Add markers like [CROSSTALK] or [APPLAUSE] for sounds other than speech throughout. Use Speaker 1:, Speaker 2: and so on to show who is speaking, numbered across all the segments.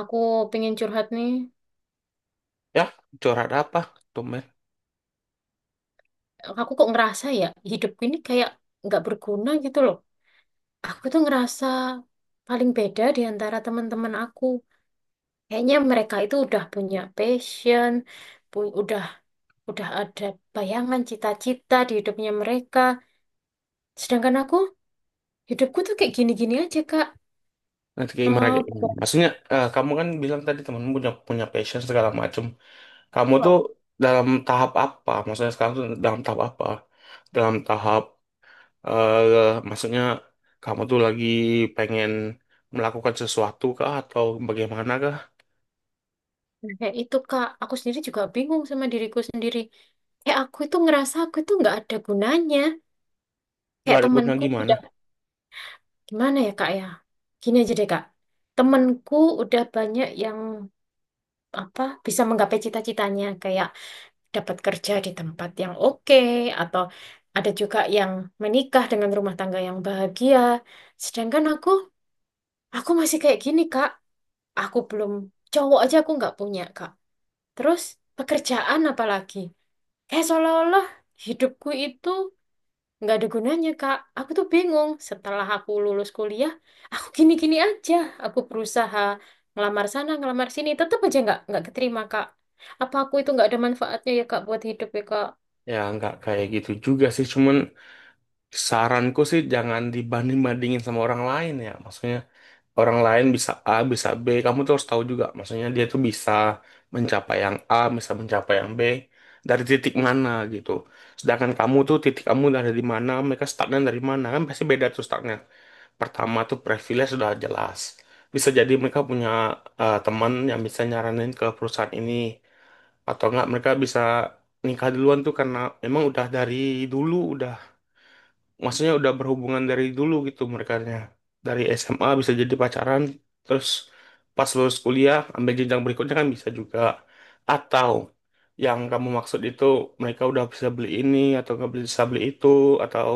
Speaker 1: Aku pengen curhat nih.
Speaker 2: Ya, curhat apa, tumben?
Speaker 1: Aku kok ngerasa ya hidupku ini kayak nggak berguna gitu loh. Aku tuh ngerasa paling beda di antara teman-teman aku. Kayaknya mereka itu udah punya passion, pu- udah udah ada bayangan cita-cita di hidupnya mereka. Sedangkan aku, hidupku tuh kayak gini-gini aja, Kak.
Speaker 2: Nanti kayak gimana
Speaker 1: Eh,
Speaker 2: kayak gimana? Maksudnya, kamu kan bilang tadi temanmu punya punya passion segala macem. Kamu tuh
Speaker 1: Beberapa.
Speaker 2: dalam tahap apa? Maksudnya sekarang tuh dalam tahap apa? Dalam tahap, maksudnya kamu tuh lagi pengen melakukan sesuatu kah atau bagaimana kah?
Speaker 1: Nah, kayak itu, Kak. Aku sendiri juga bingung sama diriku sendiri. Kayak aku itu ngerasa aku itu nggak ada gunanya.
Speaker 2: Gak
Speaker 1: Kayak
Speaker 2: ada guna
Speaker 1: temanku.
Speaker 2: gimana?
Speaker 1: Gimana ya Kak ya? Gini aja deh Kak. Temenku udah banyak yang apa bisa menggapai cita-citanya, kayak dapat kerja di tempat yang oke, atau ada juga yang menikah dengan rumah tangga yang bahagia. Sedangkan aku masih kayak gini Kak. Aku belum, cowok aja aku nggak punya Kak. Terus pekerjaan apalagi? Kayak seolah-olah hidupku itu nggak ada gunanya Kak. Aku tuh bingung. Setelah aku lulus kuliah, aku gini-gini aja. Aku berusaha ngelamar sana, ngelamar sini, tetap aja nggak keterima Kak. Apa aku itu nggak ada manfaatnya ya Kak buat hidup ya Kak?
Speaker 2: Ya, nggak kayak gitu juga sih. Cuman saranku sih jangan dibanding-bandingin sama orang lain ya. Maksudnya orang lain bisa A, bisa B, kamu tuh harus tahu juga. Maksudnya dia tuh bisa mencapai yang A, bisa mencapai yang B dari titik mana gitu. Sedangkan kamu tuh titik kamu dari di mana, mereka startnya dari mana, kan pasti beda tuh startnya. Pertama tuh privilege sudah jelas. Bisa jadi mereka punya teman yang bisa nyaranin ke perusahaan ini, atau enggak mereka bisa nikah duluan tuh karena memang udah dari dulu, maksudnya udah berhubungan dari dulu gitu merekanya, dari SMA bisa jadi pacaran, terus pas lulus kuliah ambil jenjang berikutnya kan bisa juga. Atau yang kamu maksud itu mereka udah bisa beli ini atau nggak bisa beli itu, atau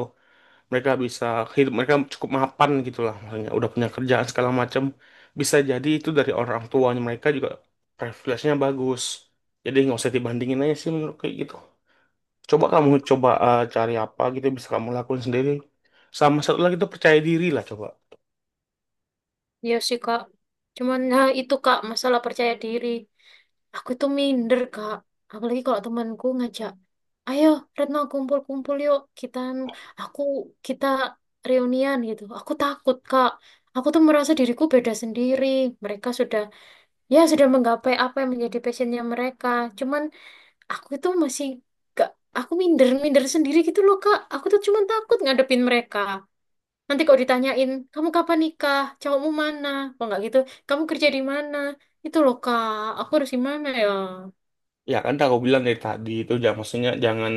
Speaker 2: mereka bisa hidup, mereka cukup mapan gitulah, maksudnya udah punya kerjaan segala macam. Bisa jadi itu dari orang tuanya mereka juga, privilege-nya bagus. Jadi nggak usah dibandingin aja sih menurut kayak gitu. Coba kamu coba cari apa gitu yang bisa kamu lakuin sendiri. Sama satu lagi itu, percaya diri lah coba.
Speaker 1: Iya sih Kak. Cuman nah itu Kak masalah percaya diri. Aku itu minder Kak. Apalagi kalau temanku ngajak, ayo Retno kumpul-kumpul yuk kita anu, aku, kita reunian gitu. Aku takut Kak. Aku tuh merasa diriku beda sendiri. Mereka sudah menggapai apa yang menjadi passionnya mereka, cuman aku itu masih gak aku minder minder sendiri gitu loh kak. Aku tuh cuman takut ngadepin mereka, nanti kalau ditanyain kamu kapan nikah, cowokmu mana, kok nggak gitu, kamu kerja di mana, itu loh kak, aku harus gimana ya?
Speaker 2: Ya kan aku bilang dari tadi itu jangan, maksudnya jangan,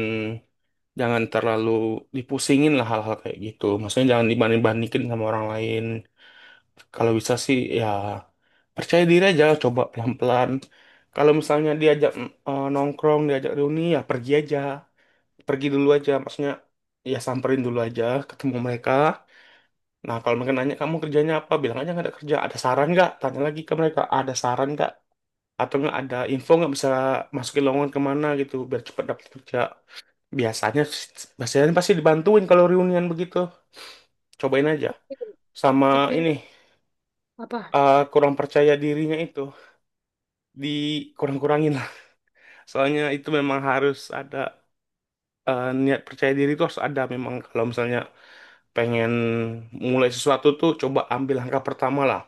Speaker 2: terlalu dipusingin lah hal-hal kayak gitu. Maksudnya jangan dibanding-bandingin sama orang lain. Kalau bisa sih ya percaya diri aja, coba pelan-pelan. Kalau misalnya diajak nongkrong, diajak reuni, ya pergi aja. Pergi dulu aja, maksudnya ya samperin dulu aja, ketemu mereka. Nah, kalau mereka nanya kamu kerjanya apa, bilang aja nggak ada kerja. Ada saran nggak? Tanya lagi ke mereka, ada saran nggak? Atau nggak ada info nggak, bisa masukin lowongan kemana gitu, biar cepat dapat kerja. Biasanya, biasanya pasti dibantuin kalau reunian begitu. Cobain aja. Sama
Speaker 1: Tapi
Speaker 2: ini,
Speaker 1: apa
Speaker 2: kurang percaya dirinya itu, dikurang-kurangin lah. [LAUGHS] Soalnya itu memang harus ada niat percaya diri itu harus ada. Memang kalau misalnya pengen mulai sesuatu tuh, coba ambil langkah pertama lah.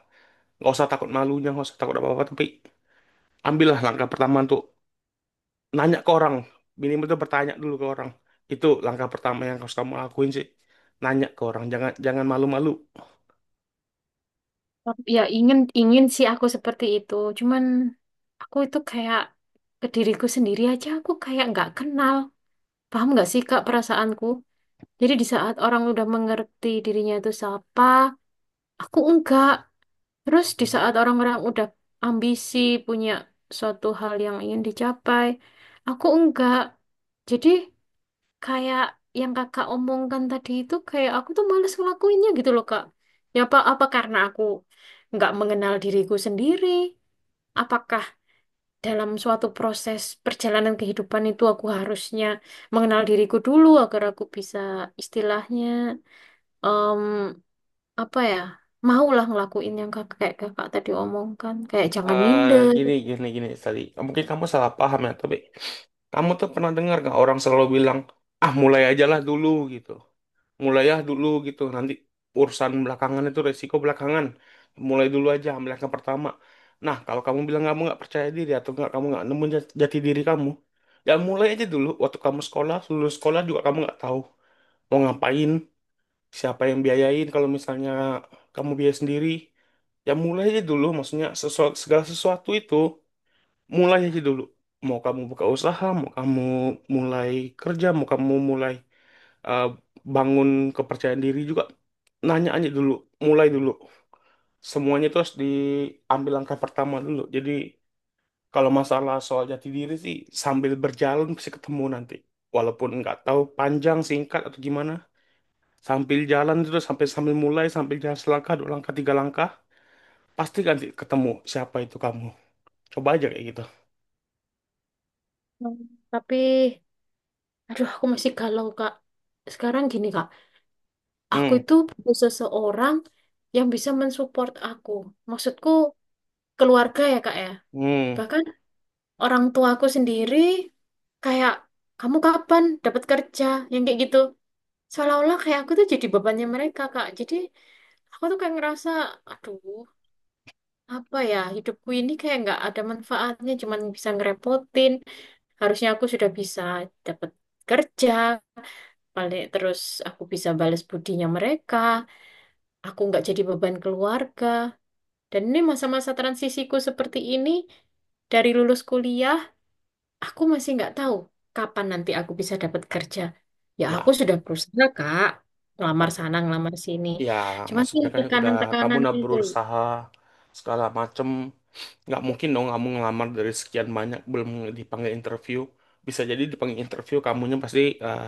Speaker 2: Nggak usah takut malunya, nggak usah takut apa apa, tapi ambillah langkah pertama untuk nanya ke orang. Minimal tuh bertanya dulu ke orang, itu langkah pertama yang harus kamu lakuin sih, nanya ke orang, jangan jangan malu-malu.
Speaker 1: ya, ingin ingin sih aku seperti itu, cuman aku itu kayak ke diriku sendiri aja aku kayak nggak kenal. Paham nggak sih kak perasaanku? Jadi di saat orang udah mengerti dirinya itu siapa, aku enggak. Terus di saat orang-orang udah ambisi punya suatu hal yang ingin dicapai, aku enggak. Jadi kayak yang kakak omongkan tadi itu kayak aku tuh males ngelakuinnya gitu loh kak. Ya apa apa karena aku enggak mengenal diriku sendiri? Apakah dalam suatu proses perjalanan kehidupan itu aku harusnya mengenal diriku dulu agar aku bisa istilahnya, mmm, apa ya, maulah ngelakuin yang kakak kayak kakak tadi omongkan, kayak jangan
Speaker 2: Eh,
Speaker 1: minder
Speaker 2: gini, gini, gini, tadi. Mungkin kamu salah paham ya, tapi kamu tuh pernah dengar gak orang selalu bilang, ah mulai aja lah dulu gitu. Mulai ya dulu gitu, nanti urusan belakangan itu resiko belakangan. Mulai dulu aja, ambil yang pertama. Nah, kalau kamu bilang kamu nggak percaya diri atau nggak, kamu nggak nemu jati diri kamu, ya mulai aja dulu. Waktu kamu sekolah, lulus sekolah juga kamu nggak tahu mau ngapain, siapa yang biayain, kalau misalnya kamu biaya sendiri ya mulai aja dulu. Maksudnya segala sesuatu itu mulai aja dulu. Mau kamu buka usaha, mau kamu mulai kerja, mau kamu mulai eh, bangun kepercayaan diri juga, nanya aja dulu, mulai dulu. Semuanya itu harus diambil langkah pertama dulu. Jadi kalau masalah soal jati diri sih, sambil berjalan pasti ketemu nanti, walaupun nggak tahu panjang singkat atau gimana. Sambil jalan terus, sampai sambil mulai, sambil jalan selangkah, dua langkah, tiga langkah, pasti nanti ketemu siapa itu kamu. Coba aja kayak gitu.
Speaker 1: gitu. Tapi aduh aku masih galau kak. Sekarang gini kak, aku
Speaker 2: Hmm,
Speaker 1: itu butuh seseorang yang bisa mensupport aku, maksudku keluarga ya kak ya.
Speaker 2: hmm.
Speaker 1: Bahkan orang tuaku sendiri kayak, kamu kapan dapat kerja, yang kayak gitu. Seolah-olah kayak aku tuh jadi bebannya mereka kak. Jadi aku tuh kayak ngerasa aduh apa ya, hidupku ini kayak nggak ada manfaatnya cuman bisa ngerepotin. Harusnya aku sudah bisa dapat kerja, paling terus aku bisa balas budinya mereka, aku nggak jadi beban keluarga. Dan ini masa-masa transisiku seperti ini, dari lulus kuliah aku masih nggak tahu kapan nanti aku bisa dapat kerja. Ya aku
Speaker 2: Nah,
Speaker 1: sudah berusaha kak, ngelamar sana ngelamar sini,
Speaker 2: ya
Speaker 1: cuman kan
Speaker 2: maksudnya kan udah, kamu
Speaker 1: tekanan-tekanan
Speaker 2: udah
Speaker 1: itu.
Speaker 2: berusaha segala macem. Nggak mungkin dong kamu ngelamar dari sekian banyak belum dipanggil interview. Bisa jadi dipanggil interview, kamunya pasti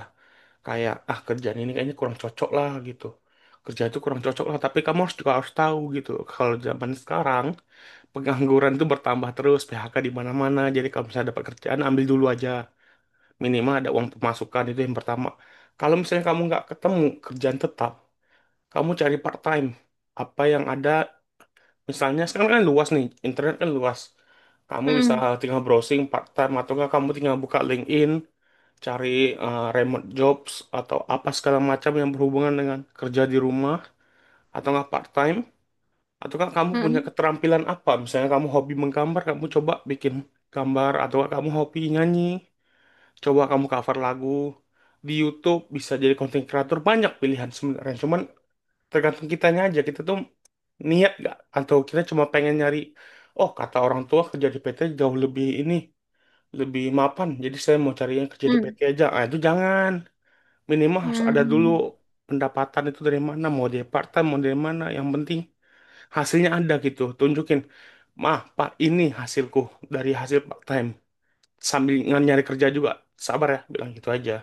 Speaker 2: kayak ah kerjaan ini kayaknya kurang cocok lah gitu, kerja itu kurang cocok lah. Tapi kamu harus juga harus tahu gitu, kalau zaman sekarang pengangguran itu bertambah terus, PHK di mana-mana. Jadi kalau misalnya dapat kerjaan, ambil dulu aja. Minimal ada uang pemasukan, itu yang pertama. Kalau misalnya kamu nggak ketemu kerjaan tetap, kamu cari part time. Apa yang ada, misalnya sekarang kan luas nih, internet kan luas. Kamu bisa
Speaker 1: Hmm,
Speaker 2: tinggal browsing part time, atau nggak kamu tinggal buka LinkedIn, cari remote jobs atau apa segala macam yang berhubungan dengan kerja di rumah, atau nggak part time. Atau kan kamu punya
Speaker 1: hmm,
Speaker 2: keterampilan apa? Misalnya kamu hobi menggambar, kamu coba bikin gambar. Atau nggak kamu hobi nyanyi, coba kamu cover lagu. Di YouTube bisa jadi content creator, banyak pilihan sebenarnya. Cuman tergantung kitanya aja. Kita tuh niat nggak? Atau kita cuma pengen nyari, oh kata orang tua kerja di PT jauh lebih ini, lebih mapan. Jadi saya mau cari yang kerja di
Speaker 1: hmm,
Speaker 2: PT aja. Ah itu jangan. Minimal harus ada dulu
Speaker 1: hmm.
Speaker 2: pendapatan itu dari mana. Mau dari part-time, mau dari mana. Yang penting hasilnya ada gitu, tunjukin mah pak ini hasilku, dari hasil part time, sambil nggak nyari kerja juga sabar ya, bilang gitu aja.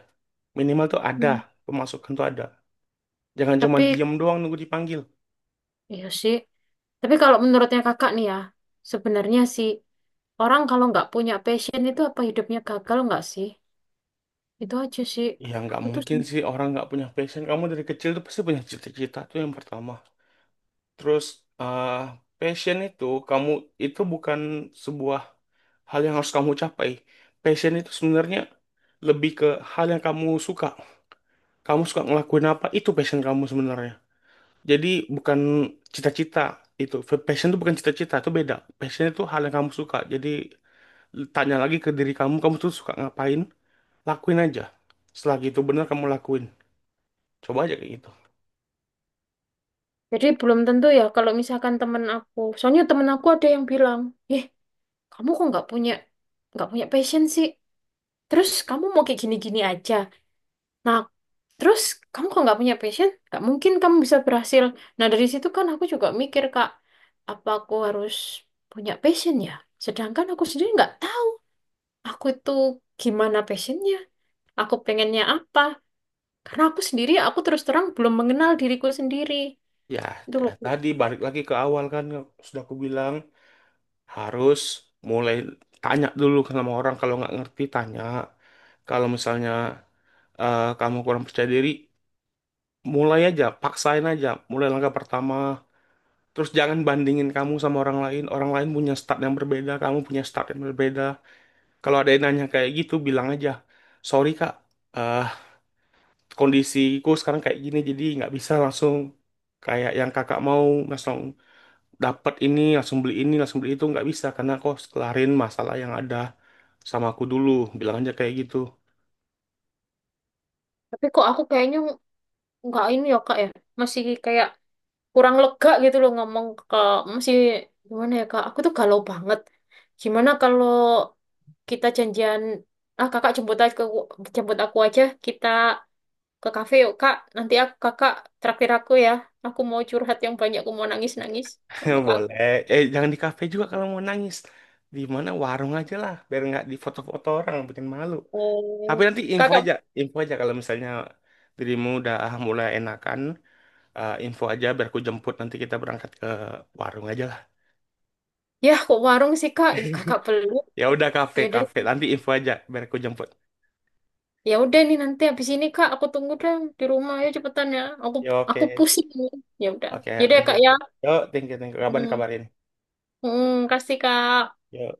Speaker 2: Minimal tuh ada
Speaker 1: Hmm.
Speaker 2: pemasukan tuh ada, jangan cuma
Speaker 1: Tapi
Speaker 2: diem doang nunggu dipanggil.
Speaker 1: ya sih. Tapi kalau menurutnya kakak nih ya, sebenarnya sih orang kalau nggak punya passion itu apa hidupnya gagal nggak sih? Itu aja sih.
Speaker 2: Ya nggak
Speaker 1: Aku tuh.
Speaker 2: mungkin sih orang nggak punya passion. Kamu dari kecil tuh pasti punya cita-cita tuh yang pertama. Terus eh passion itu, kamu itu bukan sebuah hal yang harus kamu capai. Passion itu sebenarnya lebih ke hal yang kamu suka. Kamu suka ngelakuin apa, itu passion kamu sebenarnya. Jadi bukan cita-cita itu. Passion itu bukan cita-cita, itu beda. Passion itu hal yang kamu suka. Jadi tanya lagi ke diri kamu, kamu tuh suka ngapain? Lakuin aja. Setelah itu benar kamu lakuin. Coba aja kayak gitu.
Speaker 1: Jadi belum tentu ya kalau misalkan temen aku, soalnya temen aku ada yang bilang, eh kamu kok nggak punya passion sih? Terus kamu mau kayak gini-gini aja. Nah, terus kamu kalau nggak punya passion, nggak mungkin kamu bisa berhasil. Nah, dari situ kan aku juga mikir, Kak, apa aku harus punya passion ya? Sedangkan aku sendiri nggak tahu aku itu gimana passionnya, aku pengennya apa. Karena aku sendiri, aku terus terang belum mengenal diriku sendiri.
Speaker 2: Ya,
Speaker 1: Itu loh.
Speaker 2: kayak tadi balik lagi ke awal kan sudah aku bilang harus mulai, tanya dulu sama orang, kalau nggak ngerti tanya. Kalau misalnya kamu kurang percaya diri, mulai aja, paksain aja. Mulai langkah pertama. Terus jangan bandingin kamu sama orang lain. Orang lain punya start yang berbeda, kamu punya start yang berbeda. Kalau ada yang nanya kayak gitu, bilang aja, sorry kak, eh kondisiku sekarang kayak gini, jadi nggak bisa langsung kayak yang kakak mau, langsung dapat ini, langsung beli itu nggak bisa karena aku harus kelarin masalah yang ada sama aku dulu. Bilang aja kayak gitu.
Speaker 1: Tapi kok aku kayaknya nggak ini ya, Kak ya? Masih kayak kurang lega gitu loh ngomong ke, masih gimana ya kak, aku tuh galau banget. Gimana kalau kita janjian, ah kakak jemput aja ke, jemput aku aja, kita ke kafe yuk kak, nanti aku kakak traktir aku ya, aku mau curhat yang banyak, aku mau nangis nangis sama
Speaker 2: [LAUGHS] Boleh.
Speaker 1: kakak.
Speaker 2: Eh jangan di kafe juga kalau mau nangis. Di mana warung aja lah, biar nggak di foto-foto orang bikin malu. Tapi
Speaker 1: Oh
Speaker 2: nanti
Speaker 1: kakak,
Speaker 2: info aja kalau misalnya dirimu udah mulai enakan, info aja biar aku jemput, nanti kita berangkat ke warung aja lah.
Speaker 1: ya kok warung sih kak? Ih, kakak
Speaker 2: [LAUGHS]
Speaker 1: belum,
Speaker 2: Ya udah kafe
Speaker 1: ya udah
Speaker 2: kafe, nanti info aja biar aku jemput.
Speaker 1: ya udah nih nanti habis ini kak aku tunggu deh di rumah ya, cepetan ya aku
Speaker 2: Ya
Speaker 1: aku
Speaker 2: oke.
Speaker 1: pusing, ya udah,
Speaker 2: Oke,
Speaker 1: ya udah
Speaker 2: thank
Speaker 1: kak
Speaker 2: you.
Speaker 1: ya.
Speaker 2: Yo, thank you, thank you. Kabarin
Speaker 1: Hmm.
Speaker 2: kabarin.
Speaker 1: Mm, kasih Kak.
Speaker 2: Yo.